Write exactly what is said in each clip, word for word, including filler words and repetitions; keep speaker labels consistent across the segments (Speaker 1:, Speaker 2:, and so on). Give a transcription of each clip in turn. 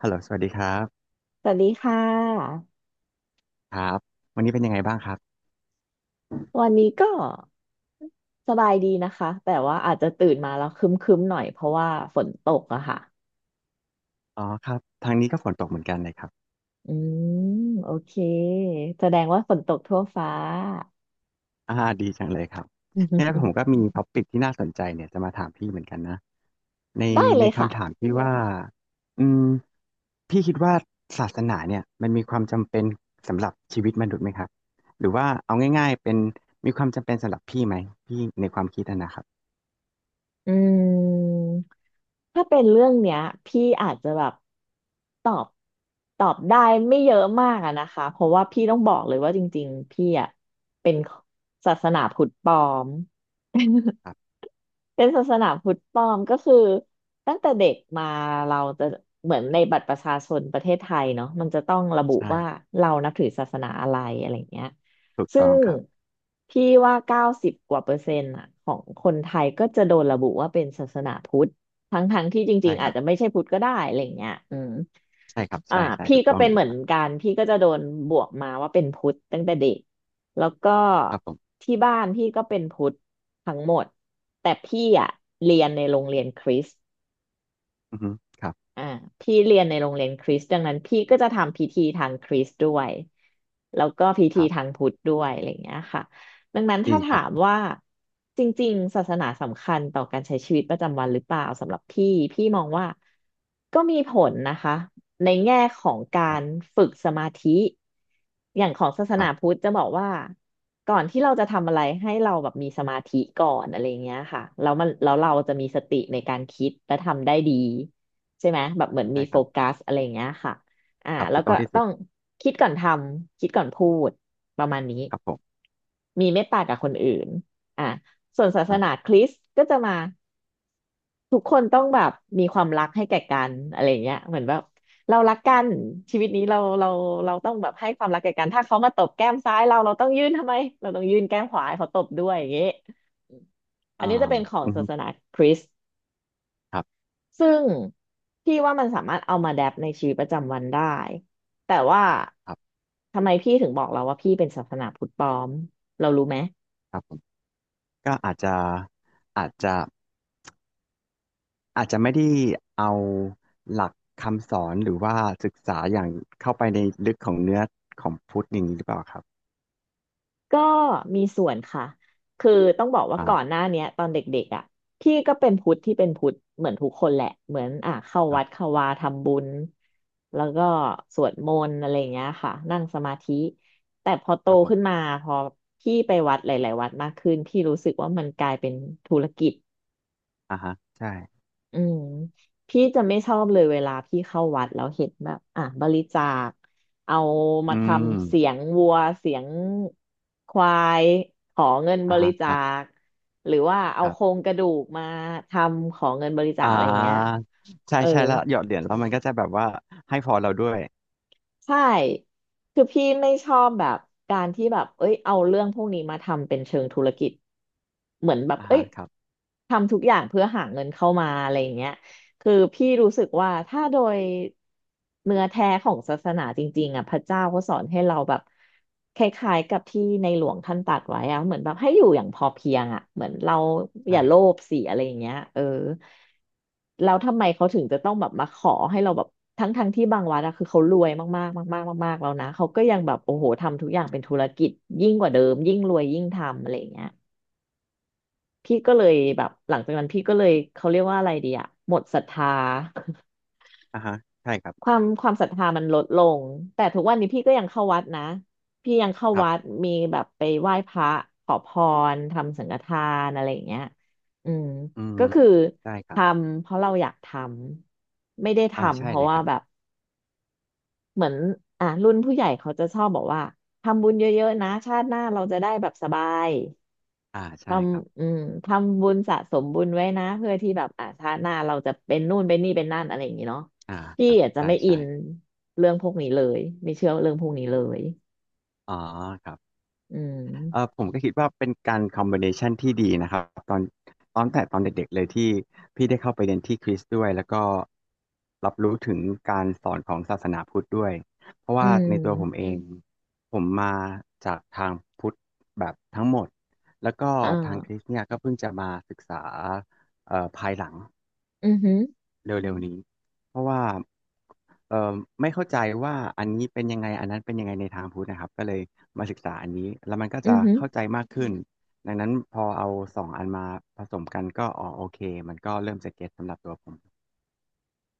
Speaker 1: ฮัลโหลสวัสดีครับ
Speaker 2: สวัสดีค่ะ
Speaker 1: ครับวันนี้เป็นยังไงบ้างครับ
Speaker 2: วันนี้ก็สบายดีนะคะแต่ว่าอาจจะตื่นมาแล้วครึ้มๆหน่อยเพราะว่าฝนตกอะค่ะ
Speaker 1: อ๋อครับทางนี้ก็ฝนตกเหมือนกันเลยครับ
Speaker 2: อืมโอเคแสดงว่าฝนตกทั่วฟ้า
Speaker 1: อ่าดีจังเลยครับเนี่ยผมก็ มีท็อปิกที่น่าสนใจเนี่ยจะมาถามพี่เหมือนกันนะใน
Speaker 2: ได้เล
Speaker 1: ใน
Speaker 2: ยค่ะ
Speaker 1: คำถามที่ว่าอืมพี่คิดว่าศาสนาเนี่ยมันมีความจำเป็นสำหรับชีวิตมนุษย์ไหมครับหรือว่าเอาง่ายๆเป็นมีความจำเป็นสำหรับพี่ไหมพี่ในความคิดอะนะครับ
Speaker 2: อืมถ้าเป็นเรื่องเนี้ยพี่อาจจะแบบตอบตอบได้ไม่เยอะมากอะนะคะเพราะว่าพี่ต้องบอกเลยว่าจริงๆพี่อะเป็นศาสนาพุทธปลอม
Speaker 1: ครับ
Speaker 2: เป็นศาสนาพุทธปลอมก็คือตั้งแต่เด็กมาเราจะเหมือนในบัตรประชาชนประเทศไทยเนาะมันจะต้องระบุว่า
Speaker 1: ใช่
Speaker 2: เรานับถือศาสนาอะไรอะไรเงี้ย
Speaker 1: ถูก
Speaker 2: ซึ่
Speaker 1: ต้อง
Speaker 2: ง
Speaker 1: ครับ
Speaker 2: พี่ว่าเก้าสิบกว่าเปอร์เซ็นต์อะของคนไทยก็จะโดนระบุว่าเป็นศาสนาพุทธทั้งๆที่จริ
Speaker 1: ใช่
Speaker 2: งๆ
Speaker 1: ค
Speaker 2: อาจ
Speaker 1: รับ
Speaker 2: จะไม่ใช่พุทธก็ได้อะไรเงี้ยอืม
Speaker 1: ใช่ครับ
Speaker 2: อ่า
Speaker 1: ใช่ใช่
Speaker 2: พี่
Speaker 1: ถูก
Speaker 2: ก็
Speaker 1: ต้อง
Speaker 2: เป็น
Speaker 1: เล
Speaker 2: เห
Speaker 1: ย
Speaker 2: มือ
Speaker 1: ค
Speaker 2: น
Speaker 1: รับ
Speaker 2: กันพี่ก็จะโดนบวกมาว่าเป็นพุทธตั้งแต่เด็กแล้วก็
Speaker 1: ครับผม
Speaker 2: ที่บ้านพี่ก็เป็นพุทธทั้งหมดแต่พี่อ่ะเร
Speaker 1: อือฮึครับ
Speaker 2: อ่าพี่เรียนในโรงเรียนคริสต์ดังนั้นพี่ก็จะทำพิธีทางคริสต์ด้วยแล้วก็พิธี
Speaker 1: ครั
Speaker 2: ทา
Speaker 1: บ
Speaker 2: งพุทธด้วยอะไรอย่างเงี้ยค่ะดังนั้นถ้า
Speaker 1: ดีค
Speaker 2: ถา
Speaker 1: รั
Speaker 2: ม
Speaker 1: บ
Speaker 2: ว่าจริงๆศาสนาสำคัญต่อการใช้ชีวิตประจำวันหรือเปล่าสำหรับพี่พี่มองว่าก็มีผลนะคะ ในแง่ของกา
Speaker 1: ครั
Speaker 2: ร
Speaker 1: บ
Speaker 2: ฝึกสมาธิอย่างของศาสนาพุทธจะบอกว่าก่อนที่เราจะทำอะไรให้เราแบบมีสมาธิก่อนอะไรเงี้ยค่ะแล้วมันแล้วเราจะมีสติในการคิดและทำได้ดีใช่ไหมแบบเหมือน
Speaker 1: ใช่
Speaker 2: มี
Speaker 1: ค
Speaker 2: โฟ
Speaker 1: รับ
Speaker 2: กัสอะไรเงี้ยค่ะอ่า
Speaker 1: ครับ
Speaker 2: แล้
Speaker 1: ถู
Speaker 2: ว
Speaker 1: กต้
Speaker 2: ก็
Speaker 1: องที่สุ
Speaker 2: ต้อ
Speaker 1: ด
Speaker 2: งคิดก่อนทำคิดก่อนพูดประมาณนี้
Speaker 1: ครับผม
Speaker 2: มีเมตตากับคนอื่นอ่าส่วนศาสนา
Speaker 1: อ่า
Speaker 2: คริสต์ก็จะมา ทุกคนต้องแบบมีความรักให้แก่กันอะไรเงี้ยเหมือนแบบเรารักกันชีวิตนี้เราเราเราต้องแบบให้ความรักแก่กันถ้าเขามาตบแก้มซ้ายเราเราต้องยื่นทำไมเราต้องยื่นแก้มขวาให้เขาตบด้วยอย่างเงี้ยอมอั
Speaker 1: อ่า
Speaker 2: นนี้จะเป็นของ
Speaker 1: อื
Speaker 2: ศา
Speaker 1: ม
Speaker 2: สนาคริสต์
Speaker 1: ครับ
Speaker 2: ซึ่งพี่ว่ามันสามารถเอามาแดปในชีวิตประจำวันได้แต่ว่า
Speaker 1: ครับ
Speaker 2: ทำไมพี่ถึงบอกเราว่าพี่เป็นศาสนาพุทธปลอมเรารู้ไหม
Speaker 1: ครับผมก็อาจจะอาจจะอาจจะไม่ได้เอาหลักคำสอนหรือว่าศึกษาอย่างเข้าไปในลึกของเนื้อของพุทธอย่างนี้หรือเปล่าครับ
Speaker 2: ก็มีส่วนค่ะ คือต้องบอกว่า
Speaker 1: อ่า
Speaker 2: ก่อนหน้าเนี้ยตอนเด็กๆอ่ะพี่ก็เป็นพุทธที่เป็นพุทธเหมือนทุกคนแหละเหมือนอ่ะเข้า
Speaker 1: ครั
Speaker 2: วัด
Speaker 1: บ
Speaker 2: เข้าวาทำบุญแล้วก็สวดมนต์อะไรอย่างเงี้ยค่ะนั่งสมาธิแต่พอโต
Speaker 1: ครับผ
Speaker 2: ขึ้นมา
Speaker 1: ม
Speaker 2: พอพี่ไปวัดหลายๆวัดมากขึ้นพี่รู้สึกว่ามันกลายเป็นธุรกิจ
Speaker 1: อ่าฮะใช่
Speaker 2: อืมพี่จะไม่ชอบเลยเวลาพี่เข้าวัดแล้วเห็นแบบอ่ะบริจาคเอามา
Speaker 1: อื
Speaker 2: ท
Speaker 1: ม
Speaker 2: ำเสียงวัวเสียงควายขอเงินบ
Speaker 1: อ่า
Speaker 2: ริ
Speaker 1: ฮะค
Speaker 2: จา
Speaker 1: รับ
Speaker 2: คหรือว่าเอา
Speaker 1: ครั
Speaker 2: โคร
Speaker 1: บ
Speaker 2: งกระดูกมาทำขอเงินบริจา
Speaker 1: อ่
Speaker 2: คอะไรอย่างเงี้ย
Speaker 1: าใช่
Speaker 2: เออ
Speaker 1: ใช่แล้วหยอดเหรียญแล้วมันก็จะแบบว่าให้พอเราด้วย
Speaker 2: ใช่คือพี่ไม่ชอบแบบการที่แบบเอ้ยเอาเรื่องพวกนี้มาทำเป็นเชิงธุรกิจเหมือนแบบ
Speaker 1: อ่า
Speaker 2: เอ้
Speaker 1: ฮะ
Speaker 2: ย
Speaker 1: ครับ
Speaker 2: ทำทุกอย่างเพื่อหาเงินเข้ามาอะไรอย่างเงี้ย คือพี่รู้สึกว่าถ้าโดยเนื้อแท้ของศาสนาจริงๆอ่ะพระเจ้าเขาสอนให้เราแบบคล้ายๆกับที่ในหลวงท่านตรัสไว้อ่ะเหมือนแบบให้อยู่อย่างพอเพียงอ่ะเหมือนเราอ
Speaker 1: ใช่
Speaker 2: ย่าโลภสิอะไรอย่างเงี้ยเออแล้วทำไมเขาถึงจะต้องแบบมาขอให้เราแบบทั้งๆทงที่บางวัดอะคือเขารวยมากๆมากๆมากๆแล้วนะเขาก็ยังแบบโอ้โหทำทุกอย่างเป็นธุรกิจยิ่งกว่าเดิมยิ่งรวยยิ่งทำอะไรอย่างเงี้ยพี่ก็เลยแบบหลังจากนั้นพี่ก็เลยเขาเรียกว่าอะไรดีอะหมดศรัทธา
Speaker 1: อ่าฮะใช่ครั
Speaker 2: ควา
Speaker 1: บ
Speaker 2: มความศรัทธามันลดลงแต่ทุกวันนี้พี่ก็ยังเข้าวัดนะพี่ยังเข้า
Speaker 1: ครั
Speaker 2: วัด
Speaker 1: บ
Speaker 2: มีแบบไปไหว้พระขอพรทำสังฆทานอะไรอย่างเงี้ยอืม
Speaker 1: อืม
Speaker 2: ก็คือ
Speaker 1: ได้ค
Speaker 2: ท
Speaker 1: รับ
Speaker 2: ำเพราะเราอยากทำไม่ได้
Speaker 1: อ่า
Speaker 2: ทำ
Speaker 1: ใช่
Speaker 2: เพราะ
Speaker 1: เลย
Speaker 2: ว่า
Speaker 1: ครับ
Speaker 2: แบบเหมือนอ่ะรุ่นผู้ใหญ่เขาจะชอบบอกว่าทำบุญเยอะๆนะชาติหน้าเราจะได้แบบสบาย
Speaker 1: อ่า
Speaker 2: ท
Speaker 1: ใช่ครับ
Speaker 2: ำอืมทำบุญสะสมบุญไว้นะเพื่อที่แบบอ่าชาติหน้าเราจะเป็นนู่นเป็นนี่เป็นนั่นอะไรอย่างนี้เนาะ
Speaker 1: อ่า
Speaker 2: พี่
Speaker 1: ครับ
Speaker 2: อาจจะ
Speaker 1: ใช่
Speaker 2: ไม่อิ
Speaker 1: ใช่
Speaker 2: นเรื่องพวกนี้เลยไม่เชื่อเรื่องพวกนี้เลย
Speaker 1: อ๋อครับ
Speaker 2: อื
Speaker 1: เออ
Speaker 2: ม
Speaker 1: ผมก็คิดว่าเป็นการคอมบิเนชันที่ดีนะครับตอนตอนแต่ตอนเด็กๆเลยที่พี่ได้เข้าไปเรียนที่คริสต์ด้วยแล้วก็รับรู้ถึงการสอนของศาสนาพุทธด้วยเพราะ
Speaker 2: อื
Speaker 1: ว่าในตัวผม
Speaker 2: ม
Speaker 1: เองผมมาจากทางพุทธแบบทั้งหมดแล้วก็
Speaker 2: อ่
Speaker 1: ทางคริ
Speaker 2: า
Speaker 1: สต์เนี่ยก็เพิ่งจะมาศึกษาเอ่อภายหลัง
Speaker 2: อือหือ
Speaker 1: เร็วๆนี้เพราะว่าเอ่อไม่เข้าใจว่าอันนี้เป็นยังไงอันนั้นเป็นยังไงในทางพุทธนะครับก็เลยมาศึกษาอันนี้แล้วมันก็
Speaker 2: อื
Speaker 1: จะ
Speaker 2: อหือ
Speaker 1: เข้าใจมากขึ้นดังนั้นพอเอาสองอันมาผสมกันก็อ๋อโอเคมันก็เริ่มจะเก็ตสำหรับตัวผม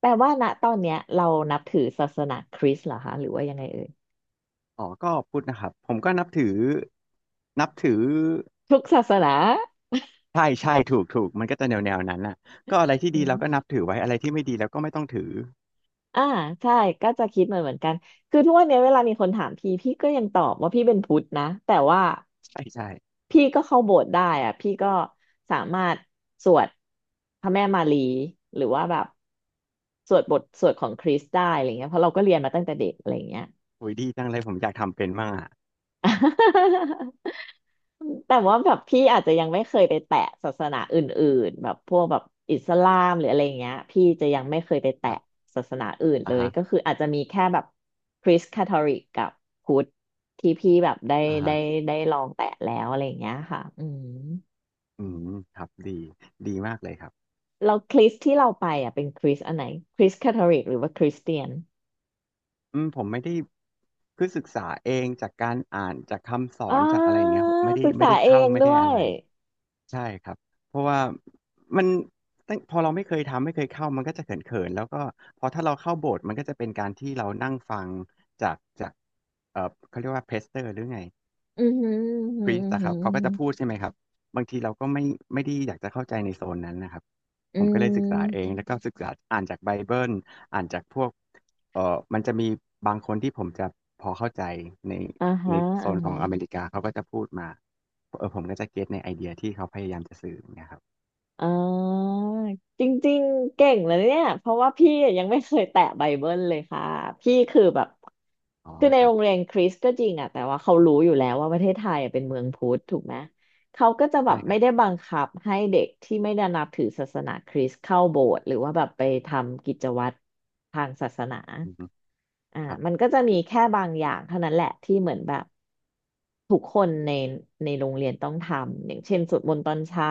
Speaker 2: แปลว่าณตอนเนี้ยเรานับถือศาสนาคริสต์เหรอคะหรือว่ายังไงเอ่ย
Speaker 1: อ๋อก็พุทธนะครับผมก็นับถือนับถือ
Speaker 2: ทุกศาสนา
Speaker 1: ใช่ใช่ถูกถูกมันก็จะแนวแนวนั้นน่ะก็อะไรที่ดีเราก็นับถือไว้อะไรที่ไม่ดีเราก็ไม่ต้องถือ
Speaker 2: อ่าใช่ก็จะคิดเหมือนเหมือนกันคือทุกวันนี้เวลามีคนถามพี่พี่ก็ยังตอบว่าพี่เป็นพุทธนะแต่ว่า
Speaker 1: ใช่ใช่
Speaker 2: พี่ก็เข้าโบสถ์ได้อะพี่ก็สามารถสวดพระแม่มารีหรือว่าแบบสวดบทสวดของคริสต์ได้อะไรเงี้ยเพราะเราก็เรียนมาตั้งแต่เด็กอะไรเงี้ย
Speaker 1: โอ้ยดีจังเลยผมอยากทำเป็นมากอะ
Speaker 2: แต่ว่าแบบพี่อาจจะยังไม่เคยไปแตะศาสนาอื่นๆแบบพวกแบบอิสลามหรืออะไรอย่างเงี้ยพี่จะยังไม่เคยไปแตะ
Speaker 1: ครับ
Speaker 2: ศาสนาอื่นเล
Speaker 1: อ่า
Speaker 2: ย
Speaker 1: ฮะ
Speaker 2: ก็คืออาจจะมีแค่แบบคริสต์คาทอลิกกับพุทธที่พี่แบบได้
Speaker 1: อ่า
Speaker 2: ได้
Speaker 1: ฮะ
Speaker 2: ได้ลองแตะแล้วอะไรอย่างเงี้ยค่ะอืม
Speaker 1: อืมครับดีดีมากเลยครับ
Speaker 2: เราคริสต์ที่เราไปอ่ะเป็นคริสต์อันไหนคริสต์คาทอลิกหรือว่าคริสเตียน
Speaker 1: อืมผมไม่ได้คือศึกษาเองจากการอ่านจากคำสอ
Speaker 2: อ่
Speaker 1: นจากอะไรอย่า
Speaker 2: า
Speaker 1: งเงี้ยครับไม่ได้
Speaker 2: ศึก
Speaker 1: ไม่
Speaker 2: ษา
Speaker 1: ได้
Speaker 2: เอ
Speaker 1: เข้า
Speaker 2: ง
Speaker 1: ไม่
Speaker 2: ด้
Speaker 1: ได้
Speaker 2: ว
Speaker 1: อะ
Speaker 2: ย
Speaker 1: ไรใช่ครับเพราะว่ามันตั้งพอเราไม่เคยทำไม่เคยเข้ามันก็จะเขินๆแล้วก็พอถ้าเราเข้าโบสถ์มันก็จะเป็นการที่เรานั่งฟังจากจากเออเขาเรียกว่าเพสเตอร์หรือไง
Speaker 2: อือหืออือหื
Speaker 1: พ
Speaker 2: อ
Speaker 1: รีส
Speaker 2: อือห
Speaker 1: อะครับเขาก็
Speaker 2: ื
Speaker 1: จะ
Speaker 2: อ
Speaker 1: พูดใช่ไหมครับบางทีเราก็ไม่ไม่ได้อยากจะเข้าใจในโซนนั้นนะครับ
Speaker 2: อื
Speaker 1: ผมก็เลยศึกษาเอง
Speaker 2: ม
Speaker 1: แล้วก็ศึกษาอ่านจากไบเบิลอ่านจากพวกเอ่อมันจะมีบางคนที่ผมจะพอเข้าใจใน
Speaker 2: อ่า
Speaker 1: ใน
Speaker 2: ฮะ
Speaker 1: โซ
Speaker 2: อ่า
Speaker 1: นของอเม
Speaker 2: ฮะ
Speaker 1: ริกาเขาก็จะพูดมาเออผมก็จะเก็ตในไอเดียที่เขาพยายามจะสื่อเนะครับ
Speaker 2: อ่าจริงๆ เก่งเลยเนี่ย เพราะว่าพี่ยังไม่เคยแตะไบเบิลเลยค่ะ พี่คือแบบ
Speaker 1: อ๋อ
Speaker 2: คือใน
Speaker 1: ครั
Speaker 2: โร
Speaker 1: บ
Speaker 2: งเรียนคริสต์ก็จริงอะแต่ว่าเขารู้อยู่แล้วว่าประเทศไทยอะเป็นเมืองพุทธถูกไหม เขาก็จะแบ
Speaker 1: ใช่
Speaker 2: บ
Speaker 1: ค
Speaker 2: ไม่
Speaker 1: รับ
Speaker 2: ได้บังคับให้เด็กที่ไม่ได้นับถือศาสนาคริสต์เข้าโบสถ์หรือว่าแบบไปทำกิจวัตรทางศาสนา
Speaker 1: อืม
Speaker 2: อ่า
Speaker 1: ครับ
Speaker 2: มันก็จะมีแค่บางอย่างเท่านั้นแหละที่เหมือนแบบ ทุกคนในในโรงเรียนต้องทำอย่างเช่นสวดมนต์ตอนเช้า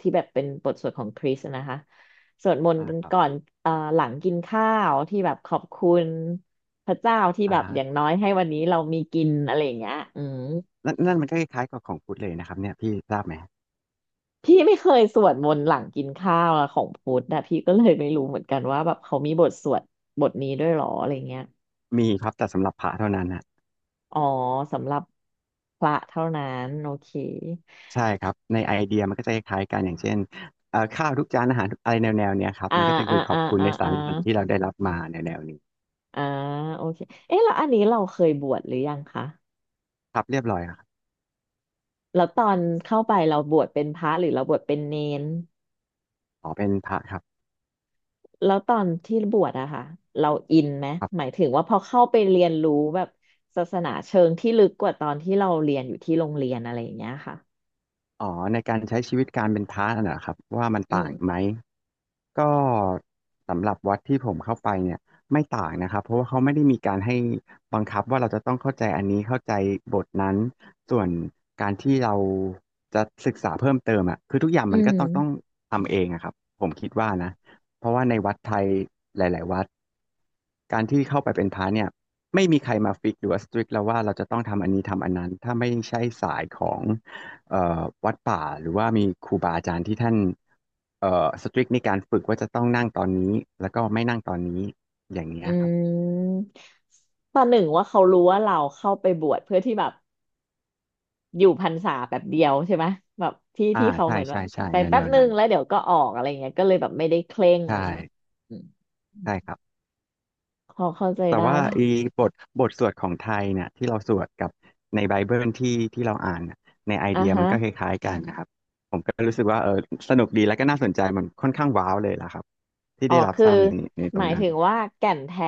Speaker 2: ที่แบบเป็นบทสวดของคริสต์นะคะสวดมนต์
Speaker 1: อ่า
Speaker 2: กัน
Speaker 1: ครับ
Speaker 2: ก่อนเอ่อหลังกินข้าวที่แบบขอบคุณพระเจ้าที่
Speaker 1: อ่า
Speaker 2: แบบอย่าง
Speaker 1: ฮะ
Speaker 2: น้อยให้วันนี้เรามีกินอะไรอย่างเงี้ยอืม
Speaker 1: นั่นนั่นมันก็คล้ายๆกับของพุทธเลยนะครับเนี่ยพี่ทราบไหม
Speaker 2: พี่ไม่เคยสวดมนต์หลังกินข้าวอะของพุทธนะพี่ก็เลยไม่รู้เหมือนกันว่าแบบเขามีบทสวดบทนี้ด้วยเหรออะไรเงี้ย
Speaker 1: มีครับแต่สำหรับพระเท่านั้นนะ
Speaker 2: อ๋อสำหรับพระเท่านั้นโอเค
Speaker 1: ใช่ครับในไอเดียมันก็จะคล้ายๆกันอย่างเช่นเอ่อข้าวทุกจานอาหารอะไรแนวๆเนี้ยครับ
Speaker 2: อ่า
Speaker 1: มันก็จะ
Speaker 2: อ่า
Speaker 1: คือขอ
Speaker 2: อ่า
Speaker 1: บคุณ
Speaker 2: อ่า
Speaker 1: ในสา
Speaker 2: อ่า
Speaker 1: รอาหารที่เราได้รับมาในแนวนี้
Speaker 2: อ่าโอเคเอ๊ะแล้วอันนี้เราเคยบวชหรือยังคะ
Speaker 1: ครับเรียบร้อยครับ
Speaker 2: แล้วตอนเข้าไปเราบวชเป็นพระหรือเราบวชเป็นเนน
Speaker 1: ขอเป็นพระครับ
Speaker 2: แล้วตอนที่บวชอะค่ะเราอินไหม
Speaker 1: ครั
Speaker 2: หมาย
Speaker 1: บ
Speaker 2: ถึงว่าพอเข้าไปเรียนรู้แบบศาสนาเชิงที่ลึกกว่าตอนที่เราเรียนอยู่ที่โรงเรียนอะไรอย่างเงี้ยค่ะ
Speaker 1: อ๋อในการใช้ชีวิตการเป็นพระน่ะครับว่ามัน
Speaker 2: อืม
Speaker 1: ต่างไหม ก็สำหรับวัดที่ผมเข้าไปเนี่ยไม่ต่างนะครับเพราะว่าเขาไม่ได้มีการให้บังคับว่าเราจะต้องเข้าใจอันนี้เข้าใจบทนั้นส่วนการที่เราจะศึกษาเพิ่มเติมอ่ะคือทุกอย่าง
Speaker 2: อื
Speaker 1: มัน
Speaker 2: ม
Speaker 1: ก็ต้องต้องทำเองอะครับผมคิดว่านะเพราะว่าในวัดไทยหลายๆวัดการที่เข้าไปเป็นพระเนี่ยไม่มีใครมาฟิกหรือว่าสตริกแล้วว่าเราจะต้องทำอันนี้ทำอันนั้นถ้าไม่ใช่สายของเอ่อวัดป่าหรือว่ามีครูบาอาจารย์ที่ท่าน เอ่อสตริกในการฝึกว่าจะต้องนั่งตอนนี้แล้วก็ไม่นั่งตอนนี้อย่างเงี้
Speaker 2: อื
Speaker 1: ยครับ
Speaker 2: มประหนึ่งว่าเขารู้ว่าเราเข้าไปบวชเพื่อที่แบบ อยู่พรรษาแบบเดียวใช่ไหมแบบที่ที่
Speaker 1: อ่า
Speaker 2: เขาเห
Speaker 1: ใช่
Speaker 2: มือนว่า
Speaker 1: ใช่ใช่
Speaker 2: ไป
Speaker 1: แนว
Speaker 2: แป๊
Speaker 1: แน
Speaker 2: บ
Speaker 1: ว
Speaker 2: นึง
Speaker 1: นั้น
Speaker 2: แล้วเดี๋ยวก็ออกอะไรเงี้ยก็เลยแบบไม่ได้เคร่ง
Speaker 1: ใช่
Speaker 2: อืม
Speaker 1: ใช่ครับ
Speaker 2: พอเข้าใจ
Speaker 1: แต่
Speaker 2: ได้
Speaker 1: ว่า
Speaker 2: พะ
Speaker 1: ไอีบทบทสวดของไทยเนี่ยที่เราสวดกับในไบเบิลที่ที่เราอ่านน่ะในไอ
Speaker 2: อ่ะ
Speaker 1: เดีย
Speaker 2: ฮะ
Speaker 1: มันก็คล้ายๆกันนะครับผมก็รู้สึกว่าเออสนุกดีแล้วก็น่าสนใจมันค่อนข้างว้าวเลยล่ะครับที่
Speaker 2: อ๋อ
Speaker 1: ได้รับ
Speaker 2: คือ
Speaker 1: ทราบในในต
Speaker 2: ห
Speaker 1: ร
Speaker 2: มา
Speaker 1: ง
Speaker 2: ย
Speaker 1: นั้น
Speaker 2: ถึงว่าแก่นแท้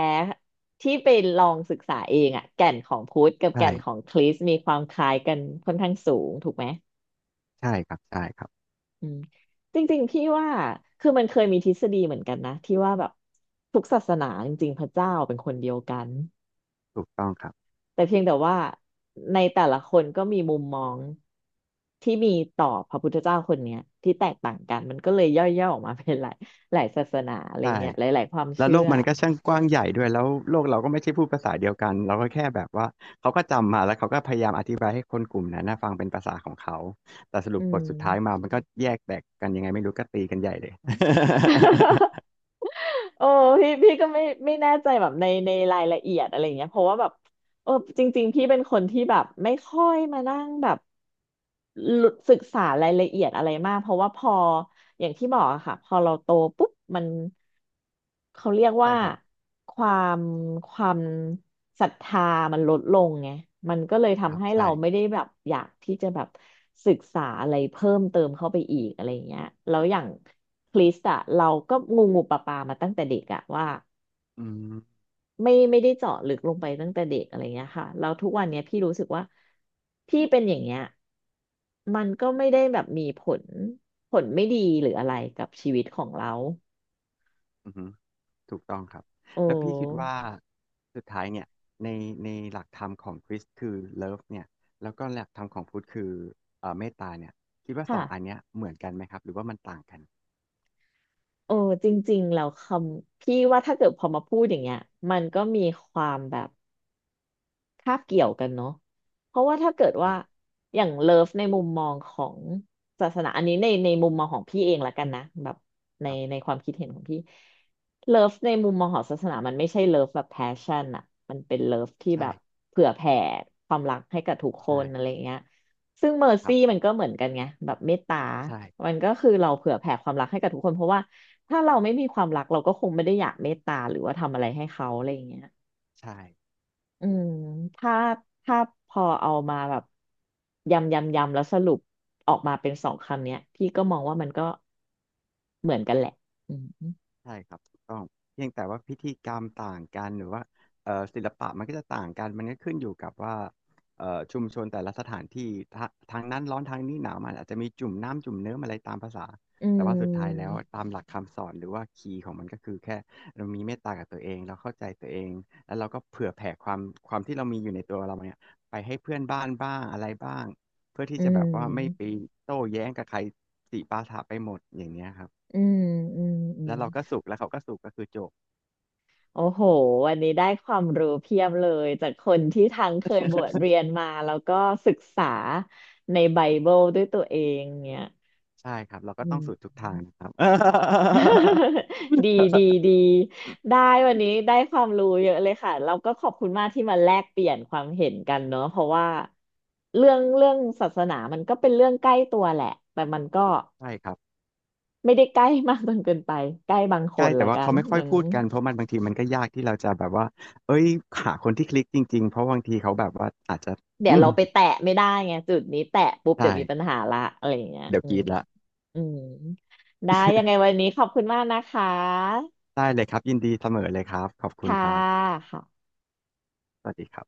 Speaker 2: ที่ไปลองศึกษาเองอะแก่นของพุทธกับแก่
Speaker 1: ใช่
Speaker 2: นของคริสต์มีความคล้ายกันค่อนข้างสูงถูกไหม
Speaker 1: ใช่ครับใช่ครับ
Speaker 2: อืมจริงๆพี่ว่าคือมันเคยมีทฤษฎีเหมือนกันนะที่ว่าแบบทุกศาสนาจริงๆพระเจ้าเป็นคนเดียวกัน
Speaker 1: ถูกต้องครับ
Speaker 2: แต่เพียงแต่ว่าในแต่ละคนก็มีมุมมองที่มีต่อพระพุทธเจ้าคนเนี้ยที่แตกต่างกันมันก็เลยย่อยๆออกมาเป็นหลายหลายศาสนาอะไร
Speaker 1: ใช่
Speaker 2: เงี้ยหลายๆความ
Speaker 1: แล้ว
Speaker 2: เชื่
Speaker 1: โล
Speaker 2: อ
Speaker 1: กมันก็ช่างกว้างใหญ่ด้วยแล้วโลกเราก็ไม่ใช่พูดภาษาเดียวกันเราก็แค่แบบว่าเขาก็จำมาแล้วเขาก็พยายามอธิบายให้คนกลุ่มนั้นนะฟังเป็นภาษาของเขาแต่สรุ
Speaker 2: อื
Speaker 1: ปบท
Speaker 2: ม
Speaker 1: สุดท้ายมามันก็แยกแตกกันยังไงไม่รู้ก็ตีกันใหญ่เลย
Speaker 2: โอ้พี่พี่ก็ไม่ไม่แน่ใจแบบในในรายละเอียดอะไรเงี้ยเพราะว่าแบบ เออจริงๆพี่เป็นคนที่แบบไม่ค่อยมานั่งแบบลุศึกษารายละเอียดอะไรมากเพราะว่าพออย่างที่บอกอะค่ะพอเราโตปุ๊บมันเขาเรียก
Speaker 1: ใช่
Speaker 2: ว่า
Speaker 1: ครับ
Speaker 2: ความความศรัทธามันลดลงไงมันก็เลย
Speaker 1: ครั
Speaker 2: ทำ
Speaker 1: บ
Speaker 2: ให้เรา
Speaker 1: ใช่
Speaker 2: ไม่ได้แบบอยากที่จะแบบศึกษาอะไรเพิ่มเติมเข้าไปอีกอะไรอย่างเงี้ยแล้วอย่างคริสต์อะเราก็งูงูปลาปลามาตั้งแต่เด็กอะว่า
Speaker 1: อืม
Speaker 2: ไม่ไม่ได้เจาะลึกลงไปตั้งแต่เด็กอะไรเงี้ยค่ะแล้วทุกวันเนี้ยพี่รู้สึกว่าพี่เป็นอย่างเงี้ยมันก็ไม่ได้แบบมีผลผลไม่ดีหรืออะไรกับชีวิตของเรา
Speaker 1: อืมถูกต้องครับ
Speaker 2: โอ้
Speaker 1: แล้วพี่คิดว่าสุดท้ายเนี่ยในในหลักธรรมของคริสต์คือเลิฟเนี่ยแล้วก็หลักธรรมของพุทธคือเอ่อเมตตาเนี่ยคิดว่าส
Speaker 2: ค่ะ
Speaker 1: องอันเนี้ยเหมือนกันไหมครับหรือว่ามันต่างกัน
Speaker 2: โอ้จริงๆแล้วคำพี่ว่าถ้าเกิดพอมาพูดอย่างเงี้ยมันก็มีความแบบ คาบเกี่ยวกันเนาะเพราะว่าถ้าเกิดว่า
Speaker 1: คร
Speaker 2: อย่างเลิฟในมุมมองของศาสนาอันนี้ในในมุมมองของพี่เองละกันนะแบบใน
Speaker 1: ับ
Speaker 2: ในความคิดเห็นของพี่เลิฟในมุมมองของศาสนามันไม่ใช่เลิฟแบบแพชชั่นอะมันเป็นเลิฟที่แบ
Speaker 1: ใช่
Speaker 2: บเผื่อแผ่ความรักให้กับทุกค
Speaker 1: ใช่
Speaker 2: นอะไรอย่างเงี้ยซึ่งเมอร์
Speaker 1: ครั
Speaker 2: ซี่มั
Speaker 1: บ
Speaker 2: นก็เหมือนกันไงแบบเมตตา
Speaker 1: ใช่
Speaker 2: มันก็คือเราเผื่อแผ่ความรักให้กับทุกคนเพราะว่าถ้าเราไม่มีความรักเราก็คงไม่ได้อยากเมตตาหรือว่าทำอะไรให้เขาอะไรอย่างเงี้ย
Speaker 1: ใช่
Speaker 2: อืมถ้าถ้าพอเอามาแบบยำยำยำแล้วสรุปออกมาเป็นสองคำเนี้ยพี่ก็มองว่ามันก็เหมือนกันแหละอืม
Speaker 1: ใช่ครับถูกต้องเพียงแต่ว่าพิธีกรรมต่างกันหรือว่าเอ่อศิลปะมันก็จะต่างกันมันก็ขึ้นอยู่กับว่าเอ่อชุมชนแต่ละสถานที่ทะทางนั้นร้อนทางนี้หนาวมันอาจจะมีจุ่มน้ำจุ่มเนื้อมอะไรตามภาษา
Speaker 2: อื
Speaker 1: แต่ว่าสุดท้ายแล้ว
Speaker 2: ม
Speaker 1: ตามหลักคำสอนหรือว่าคีย์ของมันก็คือแค่เรามีเมตตากับตัวเองเราเข้าใจตัวเองแล้วเราก็เผื่อแผ่ความความที่เรามีอยู่ในตัวเราเนี่ยไปให้เพื่อนบ้านบ้างอะไรบ้างเพื่อ
Speaker 2: อื
Speaker 1: ที่จะแบบว่าไม่ไป
Speaker 2: ม
Speaker 1: โต้แย้งกับใครสิปาถะไปหมดอย่างเนี้ยครับ
Speaker 2: อืมอืมอืม
Speaker 1: แล้วเราก็สุกแล้วเขาก็สุกก็คือจบ
Speaker 2: โอ้โหวันนี้ได้ความรู้เพียบเลยจากคนที่ทั้งเคยบวชเรียนมาแล้วก็ศึกษาในไบเบิลด้วยตัวเองเนี่ย
Speaker 1: ใช่ครับเราก็
Speaker 2: อื
Speaker 1: ต้อง
Speaker 2: ม
Speaker 1: สูดทุกทางนะครับ
Speaker 2: ดีดีดีได้วันนี้ได้ความรู้เยอะเลยค่ะเราก็ขอบคุณมากที่มาแลกเปลี่ยนความเห็นกันเนอะเพราะว่าเรื่องเรื่องศาสนามันก็เป็นเรื่องใกล้ตัวแหละแต่มันก็
Speaker 1: ใช่ครับ
Speaker 2: ไม่ได้ใกล้มากจนเกินไปใกล้บางค
Speaker 1: ใช่
Speaker 2: น
Speaker 1: แต่
Speaker 2: ละ
Speaker 1: ว่า
Speaker 2: กั
Speaker 1: เขา
Speaker 2: น
Speaker 1: ไม่ค่
Speaker 2: อื
Speaker 1: อย
Speaker 2: ม
Speaker 1: พูดกันเพราะมันบางทีมันก็ยากที่เราจะแบบว่าเอ้ยหาคนที่คลิกจริงๆเพราะบางทีเขาแบบว่าอาจจะ
Speaker 2: เดี๋ย
Speaker 1: อื
Speaker 2: ว
Speaker 1: ม
Speaker 2: เราไปแตะไม่ได้ไงจุดนี้แตะปุ๊บเดี๋
Speaker 1: ใช่
Speaker 2: ยวมีปัญหาละอะไรอย่างเงี้ย
Speaker 1: เดี๋ยว
Speaker 2: อื
Speaker 1: กรี
Speaker 2: ม
Speaker 1: ดละ
Speaker 2: อืมได้ยังไง วันนี้ขอบคุณมากนะคะ
Speaker 1: ได้เลยครับยินดีเสมอเลยครับขอบคุณ
Speaker 2: ค่ะ
Speaker 1: ครับ
Speaker 2: ค่ะ
Speaker 1: สวัสดีครับ